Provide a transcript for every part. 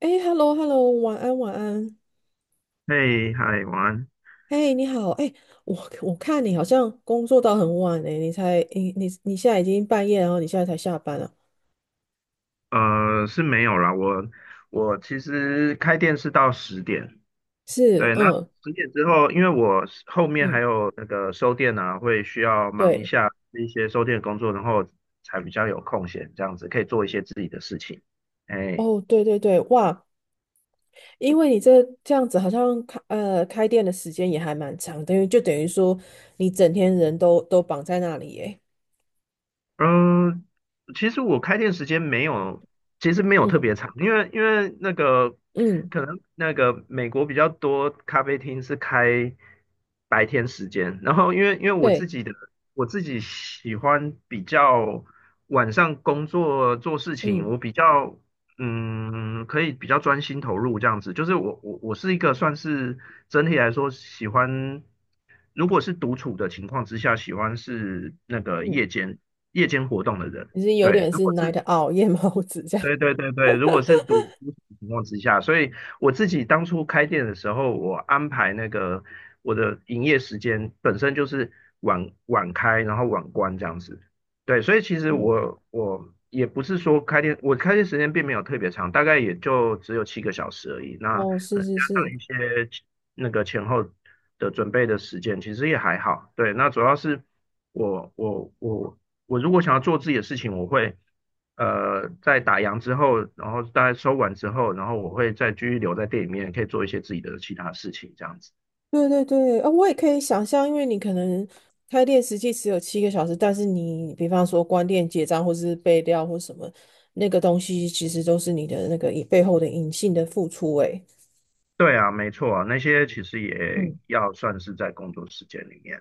哎，hello hello，晚安晚安。嘿，嗨，晚安。哎，你好，哎，我看你好像工作到很晚哎，你才你你你现在已经半夜，然后你现在才下班啊？是没有啦，我其实开店是到十点，是，对，那嗯十点之后，因为我是后面嗯，还有那个收店啊，会需要忙一对，下一些收店工作，然后才比较有空闲，这样子可以做一些自己的事情。哎。哦对对对，哇，因为你这样子好像开店的时间也还蛮长，等于说你整天人都绑在那里哎，嗯，其实我开店时间没有，其实没有特嗯别长，因为那个嗯，可能那个美国比较多咖啡厅是开白天时间，然后因为对，我自己喜欢比较晚上工作做事情，嗯我比较可以比较专心投入这样子。就是我是一个算是整体来说喜欢，如果是独处的情况之下，喜欢是那个嗯，夜间活动的人。你是有对，点如是 果 night 是 o w 夜猫子这样，对对对对，如果是独处的情况之下，所以我自己当初开店的时候，我安排那个我的营业时间本身就是晚开，然后晚关这样子。对，所以其实嗯，我也不是说开店，我开店时间并没有特别长，大概也就只有7个小时而已。那哦可是能是加上是。一些那个前后的准备的时间，其实也还好。对，那主要是我我我我如果想要做自己的事情，我会。在打烊之后，然后大概收完之后，然后我会再继续留在店里面，可以做一些自己的其他事情，这样子。对对对，啊、我也可以想象，因为你可能开店实际只有7个小时，但是你比方说关店结账或是备料或什么，那个东西其实都是你的那个以背后的隐性的付出、欸。诶，对啊，没错啊，那些其实也嗯要算是在工作时间里面。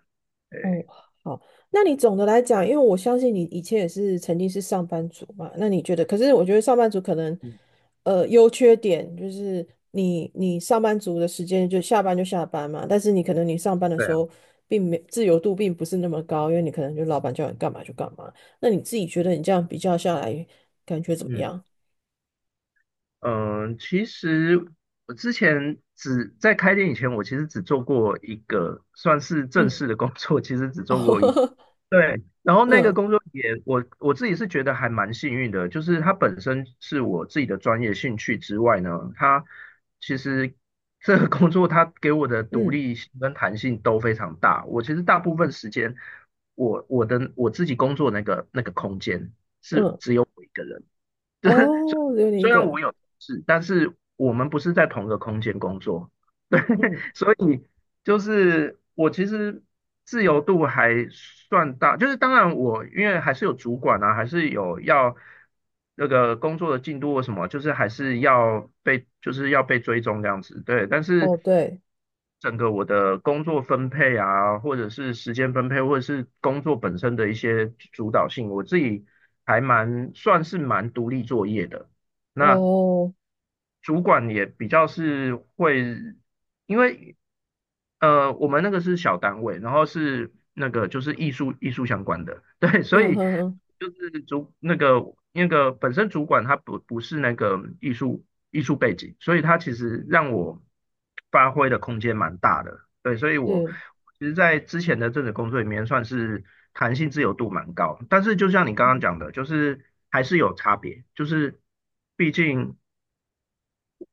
对，哦，好，那你总的来讲，因为我相信你以前也是曾经是上班族嘛，那你觉得？可是我觉得上班族可能，嗯优缺点就是你上班族的时间就下班就下班嘛，但是你可能你上班的对时啊，候并没自由度并不是那么高，因为你可能就老板叫你干嘛就干嘛。那你自己觉得你这样比较下来，感觉怎么嗯样？嗯、其实我之前只在开店以前，我其实只做过一个算是正嗯，式的工作，其实只 做过一。哦，对，然后那个工作也，我自己是觉得还蛮幸运的，就是它本身是我自己的专业兴趣之外呢，它其实这个工作它给我的嗯独嗯立性跟弹性都非常大。我其实大部分时间，我自己工作那个空间是嗯，只有我一个人，就是虽哦，只有你一虽个然我人，有同事，但是我们不是在同一个空间工作，对，嗯，所以。就是我其实自由度还算大，就是当然我因为还是有主管啊，还是有要那个工作的进度或什么，就是还是要被就是要被追踪这样子，对。但是哦对，整个我的工作分配啊，或者是时间分配，或者是工作本身的一些主导性，我自己还蛮算是蛮独立作业的。那哦，主管也比较是会，因为我们那个是小单位，然后是那个就是艺术相关的，对，所嗯以哼哼，就是主那个那个本身主管他不是那个艺术背景，所以他其实让我发挥的空间蛮大的，对，所以我是。其实，在之前的这个工作里面算是弹性自由度蛮高，但是就像你刚刚讲的，就是还是有差别，就是毕竟。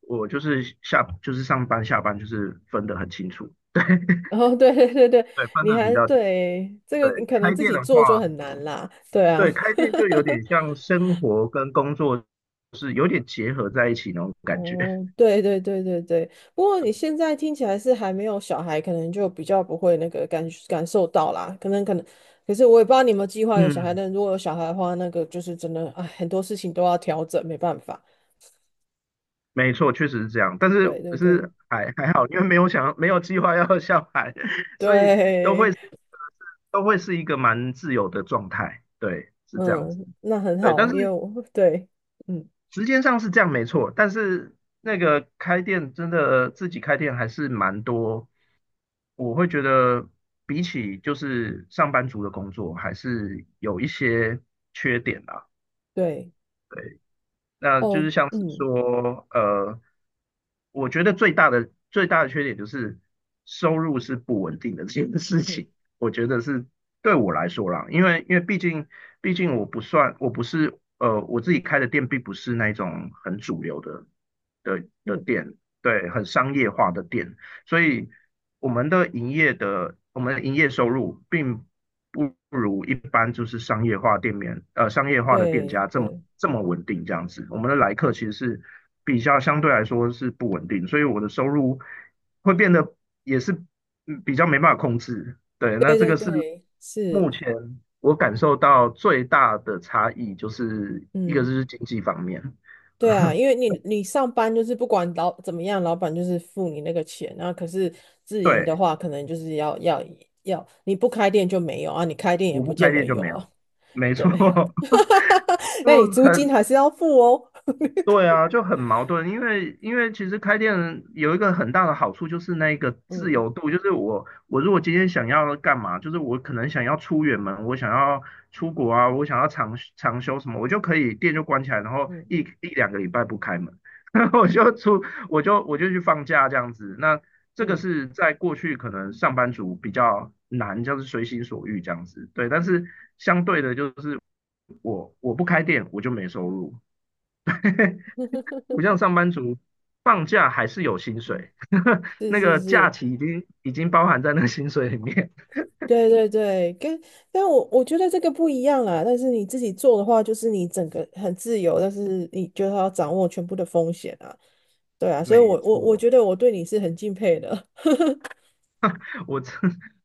我就是上班下班就是分得很清楚，对 哦，对对 对对，对，分你得比还较清楚。对这个你对，可能开自店己的做就话，很难啦，对啊，对开店就有点像生活跟工作是有点结合在一起那种 感觉。哦，对对对对对，不过你现在听起来是还没有小孩，可能就比较不会那个感感受到啦，可能可能，可是我也不知道你有没有计划有小孩，嗯，但如果有小孩的话，那个就是真的，哎，很多事情都要调整，没办法，没错，确实是这样。但是对对对是还好，因为没有计划要下海，所以都对，会是都会是一个蛮自由的状态。对，是这样子。嗯，那很对，好，但因为是我对，嗯时间上是这样没错，但是那个开店真的自己开店还是蛮多，我会觉得比起就是上班族的工作，还是有一些缺点啦。对，对。那就哦，是像是嗯说，我觉得最大的缺点就是收入是不稳定的这件事嗯情，我觉得是对我来说啦，因为毕竟我不是我自己开的店并不是那种很主流的嗯，店，对，很商业化的店，所以我们的营业收入并不如一般就是商业化的店对家这么对。这么稳定这样子。我们的来客其实是相对来说是不稳定，所以我的收入会变得也是比较没办法控制。对，那对这对个是对，是，目前我感受到最大的差异，就是一个就嗯，是经济方面，对啊，因为 你上班就是不管老怎么样，老板就是付你那个钱，然后可是自营的对，话，可能就是要，你不开店就没有啊，你开店也我不不开见得店就有没啊，有，没错。对，就那你租金很还是要付哦，对啊，就很矛盾，因为其实开店有一个很大的好处就是那个自嗯由度，就是我如果今天想要干嘛，就是我可能想要出远门，我想要出国啊，我想要长休什么，我就可以店就关起来，然后嗯一两个礼拜不开门，然后我就去放假这样子。那这个嗯是在过去可能上班族比较难，就是随心所欲这样子，对。但是相对的，就是我不开店，我就没收入。不像上班族，放假还是有薪嗯，水，是那是个假是，期已经包含在那个薪水里面。对对对，跟但我觉得这个不一样啊。但是你自己做的话，就是你整个很自由，但是你就要掌握全部的风险啊。对啊，所以没我错，觉得我对你是很敬佩的，我这，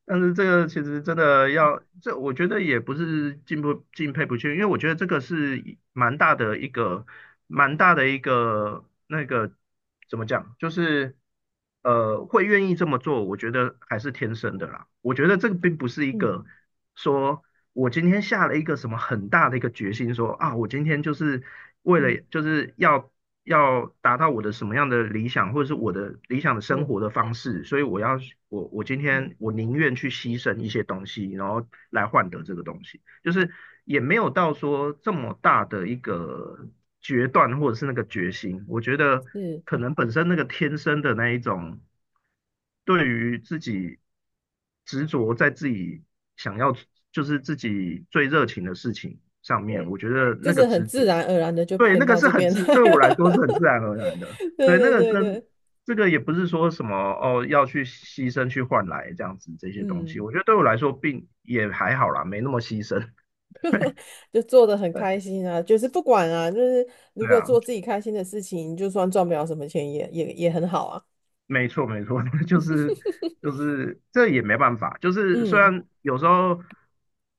但是这个其实真的要，这我觉得也不是进不敬佩不去，因为我觉得这个是一蛮大的一个，蛮大的一个那个怎么讲，就是会愿意这么做，我觉得还是天生的啦。我觉得这个并不是一嗯个说我今天下了一个什么很大的一个决心说，啊我今天就是为嗯了就是要达到我的什么样的理想，或者是我的理想的生嗯活的方式，所以今嗯天我宁愿去牺牲一些东西，然后来换得这个东西，就是也没有到说这么大的一个决断或者是那个决心，我觉得是，可能本身那个天生的那一种对于自己执着在自己想要就是自己最热情的事情上面，对，我觉得就那个是很执自着然而然的就对，偏那个到是这很边来，自，对我来说是很自然而然的。对对，那对个对跟对，这个也不是说什么哦，要去牺牲去换来这样子这些东西，嗯，我觉得对我来说并也还好啦，没那么牺牲。就做的很 对，开心啊，就是不管啊，就是如对果做啊，自己开心的事情，就算赚不了什么钱也很好啊，没错，没错，就是这也没办法，就是虽嗯然有时候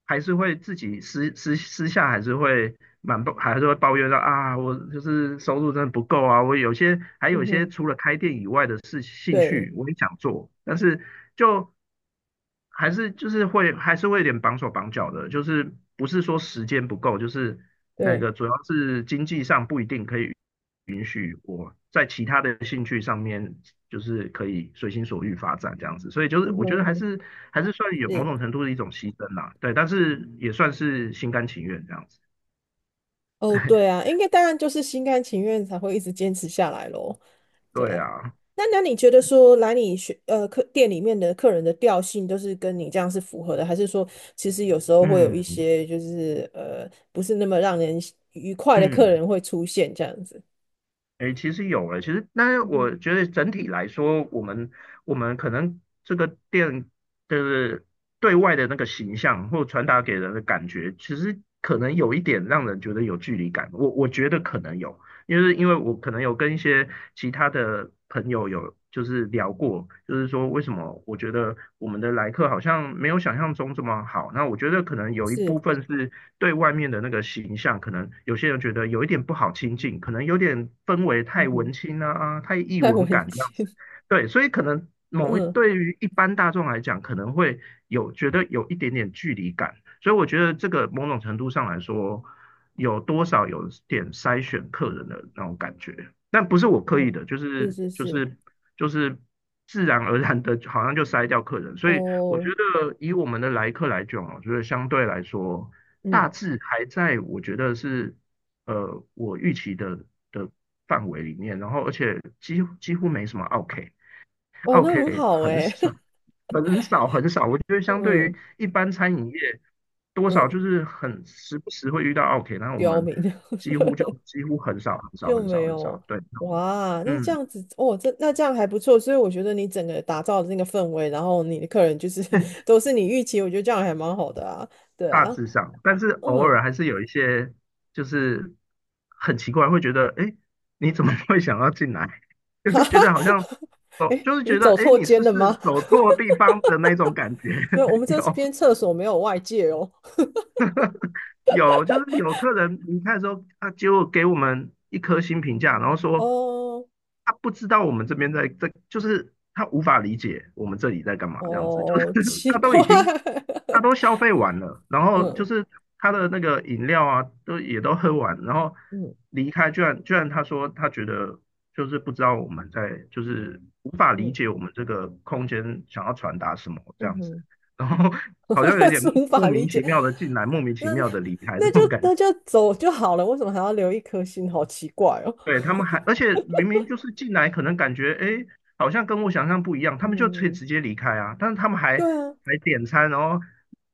还是会自己私下还是会还是会抱怨到啊，我就是收入真的不够啊，我有些还有嗯一些哼，除了开店以外的事兴对趣我也想做，但是就还是就是会还是会有点绑手绑脚的，就是不是说时间不够，就是那对，个主要是经济上不一定可以允许我在其他的兴趣上面，就是可以随心所欲发展这样子，所以就是嗯哼我觉得嗯还哼，是还是算有某是，种程度的一种牺牲啦，对，但是也算是心甘情愿这样子，哦对啊，应该当然就是心甘情愿才会一直坚持下来咯。对对啊，啊，那那你觉得说来你学呃客店里面的客人的调性都是跟你这样是符合的，还是说其实有时候会有一嗯些就是呃不是那么让人愉快的客嗯。人会出现这样子？哎，其实有了，其实，但是嗯哼我觉得整体来说，我们可能这个店的对外的那个形象或传达给人的感觉，其实可能有一点让人觉得有距离感。我觉得可能有，因为我可能有跟一些其他的朋友有就是聊过，就是说为什么我觉得我们的来客好像没有想象中这么好。那我觉得可能有一是，部分是对外面的那个形象，可能有些人觉得有一点不好亲近，可能有点氛围嗯太哼，文青啊，啊太异太文文感这样子。青，对，所以可能 某一嗯对于一般大众来讲，可能会有觉得有一点点距离感。所以我觉得这个某种程度上来说，有多少有点筛选客人的那种感觉，但不是我刻意嗯，的，就是是是就是，是就是自然而然的，好像就筛掉客人。所以我觉哦，得以我们的来客来讲啊，我觉得相对来说，大嗯致还在我觉得是我预期的的范围里面，然后而且几乎没什么 OK。哦，那很 OK，好很哎、少，很少，很少。我觉得 相对于嗯一般餐饮业，多少就嗯，是很时不时会遇到 OK，那我刁们民，几乎很少，很少，就很没少，很有少。对，哇，那这嗯，样子哦，这那这样还不错，所以我觉得你整个打造的那个氛围，然后你的客人就是 都是你预期，我觉得这样还蛮好的啊，对大啊，致上，但是偶嗯，尔还是有一些，就是很奇怪，会觉得，哎，你怎么会想要进来？就会觉得好像哦，诶，就是你觉得，走哎，错你是间不了是吗？走错地方的那种感觉？对，我们 这有，边厕所没有外界哦，有，就是有客人离开的时候，他结果给我们一颗星评价，然后说哦他不知道我们这边在，就是他无法理解我们这里在干嘛，这样子，就是 哦，奇他怪，都已经他都 消费完了，然后就嗯是他的那个饮料啊，都也都喝完，然后嗯离开，居然他说他觉得就是不知道我们在，就是无法理嗯解我们这个空间想要传达什么这样子，嗯，然后好像有 点是无法莫理名解，其妙的进来，莫名其那妙的离开这那就种感那觉。就走就好了，为什么还要留一颗心？好奇怪哦，对，他们还，而且明明就是进来，可能感觉哎，好像跟我想象不一样，他们就可以嗯。直接离开啊。但是他们还对啊，还点餐，然后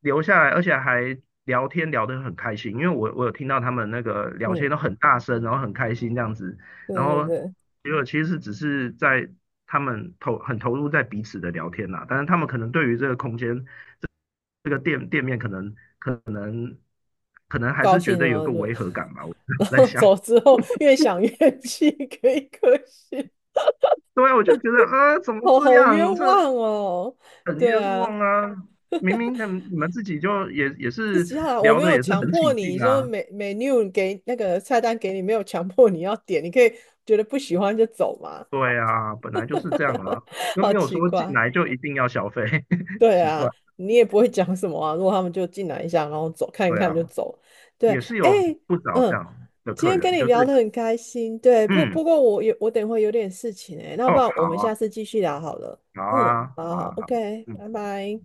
留下来，而且还聊天聊得很开心。因为我有听到他们那个聊嗯，天都很大声，然后很开心这样子。对然对后对，结果其实只是在他们很投入在彼此的聊天啦，但是他们可能对于这个空间这这个店面可能可能还高是觉兴得有呢个就，违和感吧。我 然 我在后想。走 之后越想越气，可以可惜，对啊，我就觉得，怎么哦，这好冤样？这枉哦。很对冤啊，枉啊！明明他们你们自己就也自是己下来我聊没的有也是强很起迫你，劲说啊，每 NEW 给那个菜单给你，没有强迫你要点，你可以觉得不喜欢就走嘛，对啊，本来就是这样啊，又好没有奇说进怪。来就一定要消费，对奇怪，啊，你也不会讲什么啊。如果他们就进来一下，然后走，看一对看啊，就走。对，也是哎，有不少这嗯，样的今客天跟人，你就聊是得很开心。对，不嗯，不过我有我等会有点事情哎、那不哦，然好我们啊，下次继续聊好了。好啊，嗯，好好好啊，好啊，OK，嗯。拜拜。